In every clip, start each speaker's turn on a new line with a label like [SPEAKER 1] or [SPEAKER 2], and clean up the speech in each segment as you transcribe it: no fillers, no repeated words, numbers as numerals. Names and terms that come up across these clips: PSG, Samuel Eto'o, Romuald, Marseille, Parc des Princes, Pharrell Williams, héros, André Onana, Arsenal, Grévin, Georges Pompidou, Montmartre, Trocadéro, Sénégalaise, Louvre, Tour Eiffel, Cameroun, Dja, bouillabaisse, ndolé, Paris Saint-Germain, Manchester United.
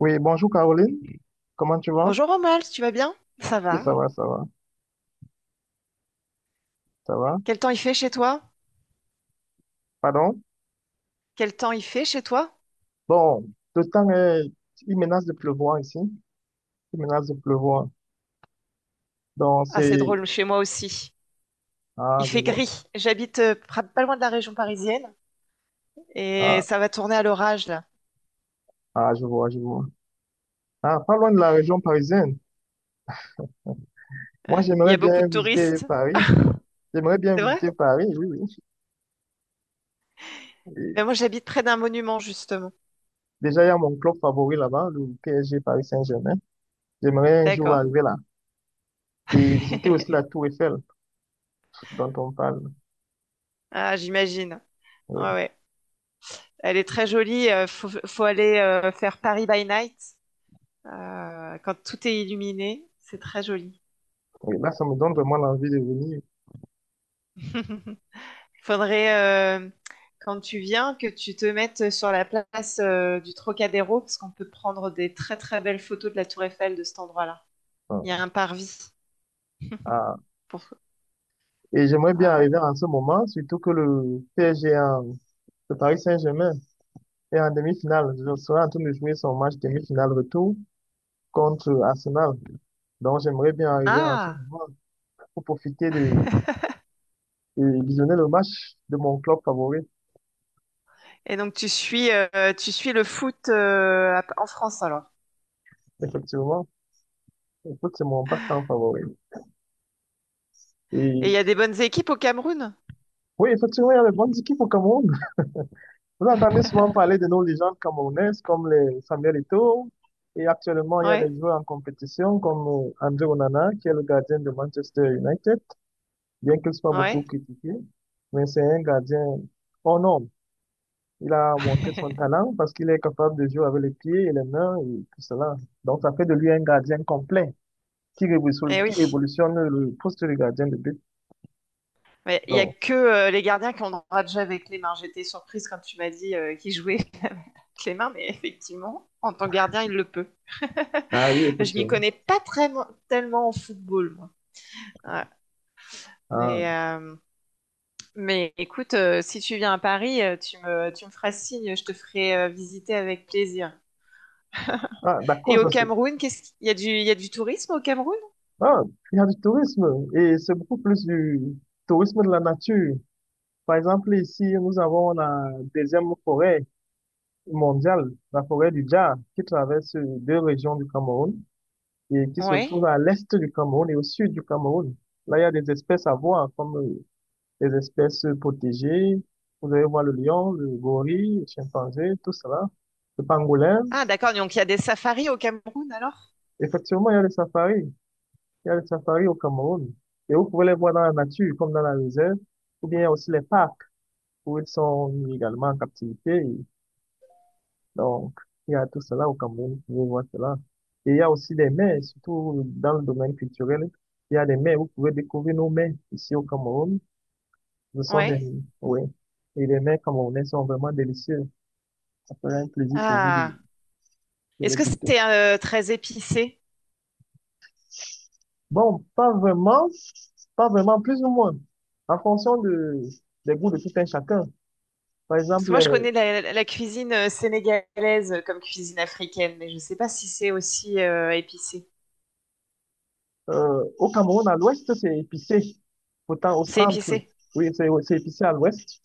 [SPEAKER 1] Oui, bonjour Caroline. Comment tu vas?
[SPEAKER 2] Bonjour Romuald, tu vas bien? Ça
[SPEAKER 1] Oui,
[SPEAKER 2] va.
[SPEAKER 1] ça va, ça va, ça va.
[SPEAKER 2] Quel temps il fait chez toi?
[SPEAKER 1] Pardon?
[SPEAKER 2] Quel temps il fait chez toi?
[SPEAKER 1] Bon, le temps est... Il menace de pleuvoir ici. Il menace de pleuvoir. Donc,
[SPEAKER 2] Ah, c'est
[SPEAKER 1] c'est...
[SPEAKER 2] drôle, chez moi aussi.
[SPEAKER 1] Ah,
[SPEAKER 2] Il
[SPEAKER 1] je
[SPEAKER 2] fait
[SPEAKER 1] vois.
[SPEAKER 2] gris. J'habite pas loin de la région parisienne et
[SPEAKER 1] Ah,
[SPEAKER 2] ça va tourner à l'orage là.
[SPEAKER 1] ah, je vois, je vois. Ah, pas loin de la région parisienne. Moi,
[SPEAKER 2] Il y
[SPEAKER 1] j'aimerais
[SPEAKER 2] a beaucoup
[SPEAKER 1] bien
[SPEAKER 2] de
[SPEAKER 1] visiter
[SPEAKER 2] touristes.
[SPEAKER 1] Paris. J'aimerais bien
[SPEAKER 2] C'est vrai?
[SPEAKER 1] visiter Paris, oui, oui. Et
[SPEAKER 2] Ben moi j'habite près d'un monument justement.
[SPEAKER 1] déjà, il y a mon club favori là-bas, le PSG Paris Saint-Germain. J'aimerais un jour
[SPEAKER 2] D'accord.
[SPEAKER 1] arriver là. Et visiter aussi la Tour Eiffel dont on parle.
[SPEAKER 2] Ah, j'imagine.
[SPEAKER 1] Oui,
[SPEAKER 2] Ouais, ouais. Elle est très jolie. Faut aller faire Paris by night quand tout est illuminé. C'est très joli.
[SPEAKER 1] oui. Là, ça me donne vraiment l'envie de venir.
[SPEAKER 2] Faudrait, quand tu viens, que tu te mettes sur la place du Trocadéro, parce qu'on peut prendre des très très belles photos de la Tour Eiffel de cet endroit-là. Il y a un parvis.
[SPEAKER 1] Ah,
[SPEAKER 2] Pour...
[SPEAKER 1] et j'aimerais bien
[SPEAKER 2] Voilà.
[SPEAKER 1] arriver en ce moment, surtout que le le Paris Saint-Germain, est en demi-finale. Je serai en train de jouer son match demi-finale retour contre Arsenal. Donc j'aimerais bien arriver en ce
[SPEAKER 2] Ah!
[SPEAKER 1] moment pour profiter de visionner le match de mon club favori.
[SPEAKER 2] Et donc tu suis le foot en France alors.
[SPEAKER 1] Effectivement, écoute, c'est mon passe-temps favori. Et
[SPEAKER 2] Et il y a des bonnes équipes au Cameroun?
[SPEAKER 1] oui, effectivement, il y a de bonnes équipes au Cameroun. Vous entendez souvent parler de nos légendes camerounaises comme les Samuel Eto'o et actuellement il y a des
[SPEAKER 2] Ouais,
[SPEAKER 1] joueurs en compétition comme André Onana qui est le gardien de Manchester United, bien qu'il soit beaucoup
[SPEAKER 2] ouais.
[SPEAKER 1] critiqué, mais c'est un gardien hors norme. Il a montré son talent parce qu'il est capable de jouer avec les pieds et les mains et tout cela. Donc ça fait de lui un gardien complet
[SPEAKER 2] Eh oui.
[SPEAKER 1] qui révolutionne le poste de gardien de but.
[SPEAKER 2] Mais il y a
[SPEAKER 1] Donc,
[SPEAKER 2] que les gardiens qui ont le droit de jouer avec les mains. J'étais surprise quand tu m'as dit qu'ils jouaient avec les mains, mais effectivement, en tant que gardien, il le peut.
[SPEAKER 1] ah oui,
[SPEAKER 2] Je m'y
[SPEAKER 1] effectivement.
[SPEAKER 2] connais pas très, tellement en football, moi. Ouais.
[SPEAKER 1] Ah,
[SPEAKER 2] Mais, euh, mais écoute, si tu viens à Paris, tu me feras signe, je te ferai visiter avec plaisir.
[SPEAKER 1] ah,
[SPEAKER 2] Et
[SPEAKER 1] d'accord,
[SPEAKER 2] au
[SPEAKER 1] ça, se-
[SPEAKER 2] Cameroun, qu'est-ce qu'il y a du, il y a du tourisme au Cameroun?
[SPEAKER 1] Ah, il y a du tourisme et c'est beaucoup plus du tourisme de la nature. Par exemple, ici, nous avons la deuxième forêt mondiale, la forêt du Dja, qui traverse deux régions du Cameroun et qui se trouve
[SPEAKER 2] Oui.
[SPEAKER 1] à l'est du Cameroun et au sud du Cameroun. Là, il y a des espèces à voir, comme les espèces protégées. Vous allez voir le lion, le gorille, le chimpanzé, tout cela, le pangolin.
[SPEAKER 2] Ah, d'accord. Donc, il y a des safaris au Cameroun alors?
[SPEAKER 1] Effectivement, il y a les safaris. Il y a le safari au Cameroun. Et vous pouvez les voir dans la nature, comme dans la réserve, ou bien aussi les parcs, où ils sont également en captivité. Donc, il y a tout cela au Cameroun, vous pouvez voir cela. Et il y a aussi des mers, surtout dans le domaine culturel. Il y a des mers, vous pouvez découvrir nos mers ici au Cameroun. Ce sont
[SPEAKER 2] Oui.
[SPEAKER 1] des, oui. Et les mers camerounaises sont vraiment délicieuses. Ça ferait un plaisir pour vous de
[SPEAKER 2] Ah. Est-ce
[SPEAKER 1] les
[SPEAKER 2] que
[SPEAKER 1] goûter.
[SPEAKER 2] c'est très épicé?
[SPEAKER 1] Bon, pas vraiment, pas vraiment, plus ou moins, en fonction de, des goûts de tout un chacun. Par
[SPEAKER 2] Parce que moi, je
[SPEAKER 1] exemple,
[SPEAKER 2] connais la cuisine sénégalaise comme cuisine africaine, mais je ne sais pas si c'est aussi épicé.
[SPEAKER 1] au Cameroun, à l'ouest, c'est épicé. Pourtant, au
[SPEAKER 2] C'est
[SPEAKER 1] centre,
[SPEAKER 2] épicé.
[SPEAKER 1] oui, c'est épicé à l'ouest,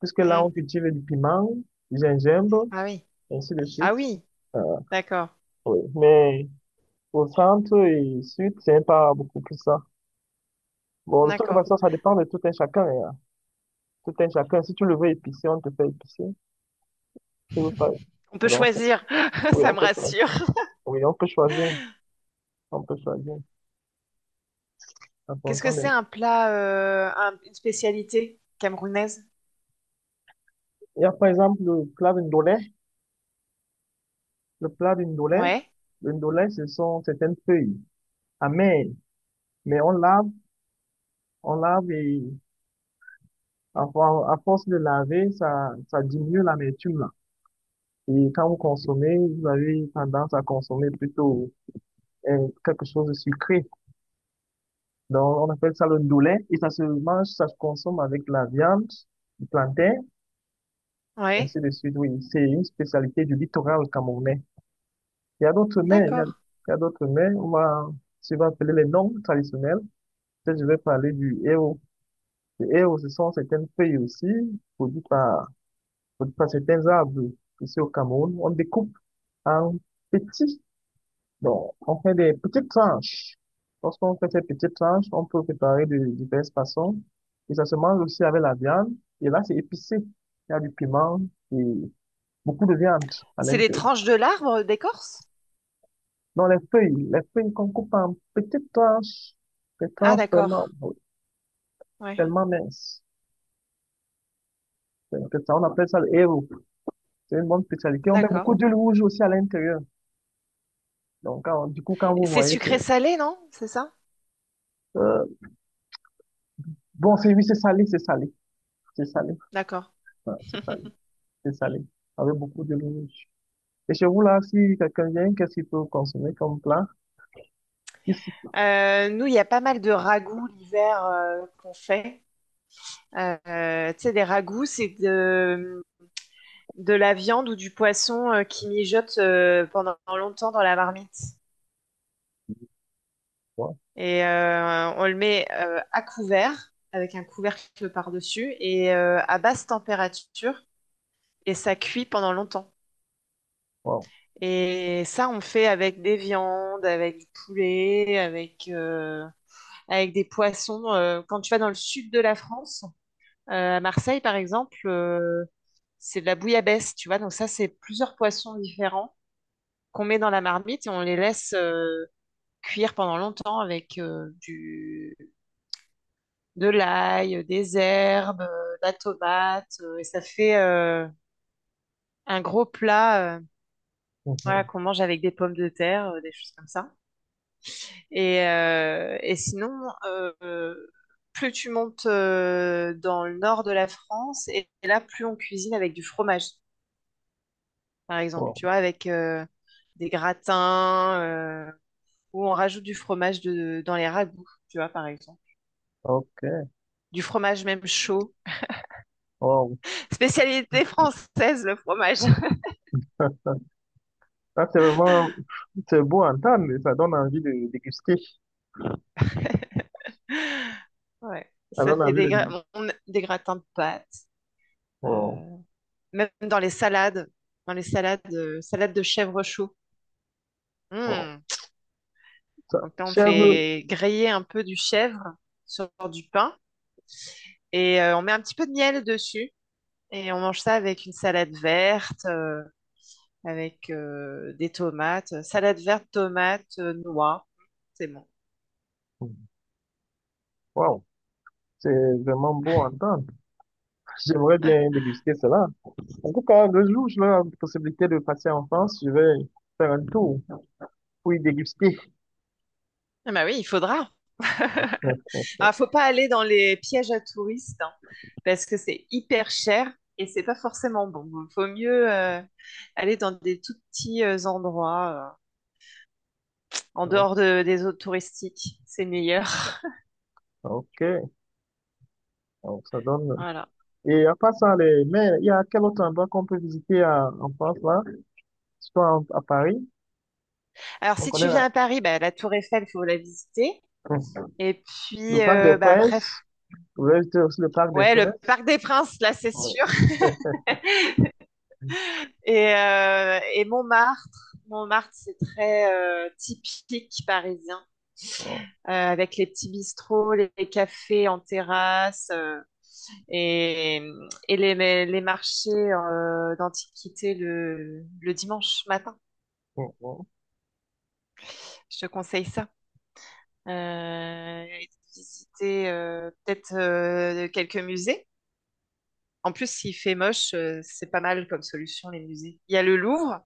[SPEAKER 1] puisque là,
[SPEAKER 2] Hmm.
[SPEAKER 1] on cultive du piment, du gingembre,
[SPEAKER 2] Ah oui.
[SPEAKER 1] ainsi de
[SPEAKER 2] Ah
[SPEAKER 1] suite.
[SPEAKER 2] oui.
[SPEAKER 1] Euh,
[SPEAKER 2] D'accord.
[SPEAKER 1] oui. Mais au centre et sud, c'est pas beaucoup plus ça. Bon, de toute
[SPEAKER 2] D'accord.
[SPEAKER 1] façon, ça dépend de tout un chacun, hein. Tout un chacun. Si tu le veux épicé, on te fait épicé. Si vous pas.
[SPEAKER 2] On peut
[SPEAKER 1] Donc,
[SPEAKER 2] choisir.
[SPEAKER 1] oui,
[SPEAKER 2] Ça
[SPEAKER 1] on
[SPEAKER 2] me
[SPEAKER 1] peut choisir.
[SPEAKER 2] rassure.
[SPEAKER 1] Oui, on peut choisir. On peut choisir en
[SPEAKER 2] Qu'est-ce
[SPEAKER 1] fonction
[SPEAKER 2] que
[SPEAKER 1] de...
[SPEAKER 2] c'est un plat, une spécialité camerounaise?
[SPEAKER 1] Il y a par exemple le clave indolent. Le plat d'une dolay,
[SPEAKER 2] Ouais.
[SPEAKER 1] une dolay, ce sont certaines feuilles amères, mais on lave et à force de laver, ça diminue l'amertume là. Et quand vous consommez, vous avez tendance à consommer plutôt quelque chose de sucré. Donc, on appelle ça le ndolé et ça se mange, ça se consomme avec la viande, du plantain,
[SPEAKER 2] Ouais.
[SPEAKER 1] ainsi de suite. Oui, c'est une spécialité du littoral camerounais. Il y a d'autres mets,
[SPEAKER 2] D'accord.
[SPEAKER 1] il y a d'autres mets, on va, si on va appeler les noms traditionnels. Que je vais parler du héros. Le héros, ce sont certaines feuilles aussi, produites par, produites par certains arbres. Ici au Cameroun, on découpe en petits, donc on fait des petites tranches. Lorsqu'on fait ces petites tranches, on peut préparer de diverses façons. Et ça se mange aussi avec la viande. Et là, c'est épicé. Il y a du piment et beaucoup de viande à
[SPEAKER 2] C'est les
[SPEAKER 1] l'intérieur.
[SPEAKER 2] tranches de l'arbre d'écorce?
[SPEAKER 1] Donc les feuilles qu'on coupe en petites tranches, des
[SPEAKER 2] Ah
[SPEAKER 1] tranches vraiment,
[SPEAKER 2] d'accord.
[SPEAKER 1] oh,
[SPEAKER 2] Ouais.
[SPEAKER 1] tellement minces. C'est ça, on appelle ça le héros. C'est une bonne spécialité. On met
[SPEAKER 2] D'accord.
[SPEAKER 1] beaucoup d'huile rouge aussi à l'intérieur. Donc, du coup, quand vous
[SPEAKER 2] C'est
[SPEAKER 1] voyez, c'est...
[SPEAKER 2] sucré-salé, non? C'est ça?
[SPEAKER 1] euh, bon, oui, c'est salé. C'est salé.
[SPEAKER 2] D'accord.
[SPEAKER 1] Ouais, c'est salé. C'est salé. Avec beaucoup d'huile rouge. Et chez vous, là, si quelqu'un vient, qu'est-ce qu'il peut consommer comme plat? Ici.
[SPEAKER 2] Nous, il y a pas mal de ragoûts l'hiver qu'on fait. Tu sais, des ragoûts, de la viande ou du poisson qui mijote pendant longtemps dans la marmite.
[SPEAKER 1] Wow.
[SPEAKER 2] Et on le met à couvert, avec un couvercle par-dessus, et à basse température, et ça cuit pendant longtemps.
[SPEAKER 1] Wow.
[SPEAKER 2] Et ça, on fait avec des viandes, avec du poulet, avec des poissons. Quand tu vas dans le sud de la France, à Marseille, par exemple, c'est de la bouillabaisse, tu vois. Donc ça, c'est plusieurs poissons différents qu'on met dans la marmite et on les laisse cuire pendant longtemps avec du de l'ail, des herbes, de la tomate. Et ça fait un gros plat voilà,
[SPEAKER 1] Mhm.
[SPEAKER 2] qu'on mange avec des pommes de terre, des choses comme ça. Et sinon, euh, euh, plus tu montes dans le nord de la France, et là, plus on cuisine avec du fromage. Par exemple,
[SPEAKER 1] Wow.
[SPEAKER 2] tu vois, avec des gratins ou on rajoute du fromage dans les ragoûts, tu vois, par exemple.
[SPEAKER 1] OK.
[SPEAKER 2] Du fromage même chaud.
[SPEAKER 1] Wow.
[SPEAKER 2] Spécialité française, le fromage.
[SPEAKER 1] Ça, c'est vraiment... C'est beau à entendre, mais ça donne envie de déguster.
[SPEAKER 2] Ouais,
[SPEAKER 1] Ça
[SPEAKER 2] ça
[SPEAKER 1] donne
[SPEAKER 2] fait
[SPEAKER 1] envie de déguster.
[SPEAKER 2] des gratins de pâtes.
[SPEAKER 1] Wow.
[SPEAKER 2] euh, Même dans les salades, salade de chèvre chaud.
[SPEAKER 1] Wow.
[SPEAKER 2] Hmm.
[SPEAKER 1] Ça,
[SPEAKER 2] Donc là, on
[SPEAKER 1] chèvre,
[SPEAKER 2] fait griller un peu du chèvre sur du pain et on met un petit peu de miel dessus et on mange ça avec une salade verte. Avec des tomates, salade verte, tomates, noix. C'est bon.
[SPEAKER 1] wow, c'est vraiment beau à entendre. J'aimerais
[SPEAKER 2] Ah,
[SPEAKER 1] bien déguster cela. En tout cas, le jour où j'aurai la possibilité de passer en France, je vais faire un tour pour y déguster.
[SPEAKER 2] ah bah oui, il faudra. Ah, faut pas aller dans les pièges à touristes hein, parce que c'est hyper cher et c'est pas forcément bon. Bon, faut mieux aller dans des tout petits endroits euh, en
[SPEAKER 1] Oh,
[SPEAKER 2] dehors de- des zones touristiques. C'est meilleur.
[SPEAKER 1] ok, donc, ça donne.
[SPEAKER 2] Voilà.
[SPEAKER 1] Et à part ça, les... mais il y a quel autre endroit qu'on peut visiter en France là? Soit à Paris.
[SPEAKER 2] Alors si
[SPEAKER 1] Donc, on est
[SPEAKER 2] tu
[SPEAKER 1] là.
[SPEAKER 2] viens à Paris, bah, la Tour Eiffel, faut la visiter.
[SPEAKER 1] Hum.
[SPEAKER 2] Et
[SPEAKER 1] Le
[SPEAKER 2] puis
[SPEAKER 1] Parc des
[SPEAKER 2] bah, après, f-
[SPEAKER 1] Princes. Vous avez visité aussi le Parc des
[SPEAKER 2] Ouais, le
[SPEAKER 1] Princes.
[SPEAKER 2] Parc des Princes, là, c'est
[SPEAKER 1] Oui,
[SPEAKER 2] sûr. Et Montmartre, Montmartre, c'est très typique parisien,
[SPEAKER 1] wow.
[SPEAKER 2] avec les petits bistrots, les cafés en terrasse et, et les marchés d'antiquité le dimanche matin.
[SPEAKER 1] Hum, hum.
[SPEAKER 2] Je te conseille ça. Et visiter peut-être quelques musées. En plus, s'il fait moche, c'est pas mal comme solution, les musées. Il y a le Louvre,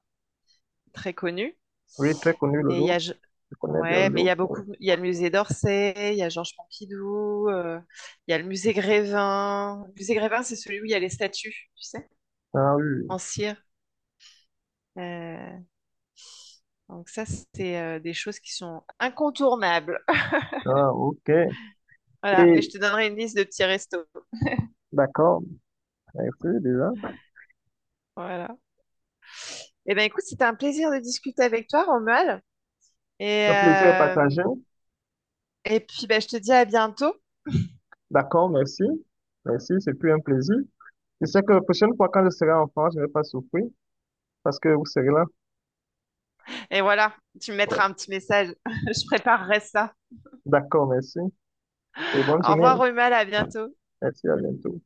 [SPEAKER 2] très connu.
[SPEAKER 1] Oui, très connu le
[SPEAKER 2] Mais il y
[SPEAKER 1] Louvre.
[SPEAKER 2] a, je-
[SPEAKER 1] Je connais bien le
[SPEAKER 2] Ouais, mais il
[SPEAKER 1] Louvre.
[SPEAKER 2] y a
[SPEAKER 1] Oui.
[SPEAKER 2] beaucoup, il y a le musée d'Orsay, il y a Georges Pompidou, il y a le musée Grévin. Le musée Grévin, c'est celui où il y a les statues, tu sais,
[SPEAKER 1] Ah oui.
[SPEAKER 2] en cire. Euh, donc ça, c'est des choses qui sont incontournables.
[SPEAKER 1] Ah, ok.
[SPEAKER 2] Voilà, mais je
[SPEAKER 1] Et
[SPEAKER 2] te donnerai une liste de petits restos.
[SPEAKER 1] d'accord. Merci déjà.
[SPEAKER 2] Voilà. Eh ben écoute, c'était un plaisir de discuter avec toi, Romuald. Et,
[SPEAKER 1] Le plaisir est
[SPEAKER 2] euh,
[SPEAKER 1] partagé.
[SPEAKER 2] et puis, ben, je te dis à bientôt.
[SPEAKER 1] D'accord, merci. Merci, c'est plus un plaisir. Je sais que la prochaine fois, quand je serai en France, je ne vais pas souffrir parce que vous serez là.
[SPEAKER 2] Et voilà, tu me
[SPEAKER 1] Ouais.
[SPEAKER 2] mettras un petit message. Je préparerai ça.
[SPEAKER 1] D'accord, merci. Et bonne
[SPEAKER 2] Au
[SPEAKER 1] journée.
[SPEAKER 2] revoir, Romuald, à bientôt.
[SPEAKER 1] Merci, à bientôt.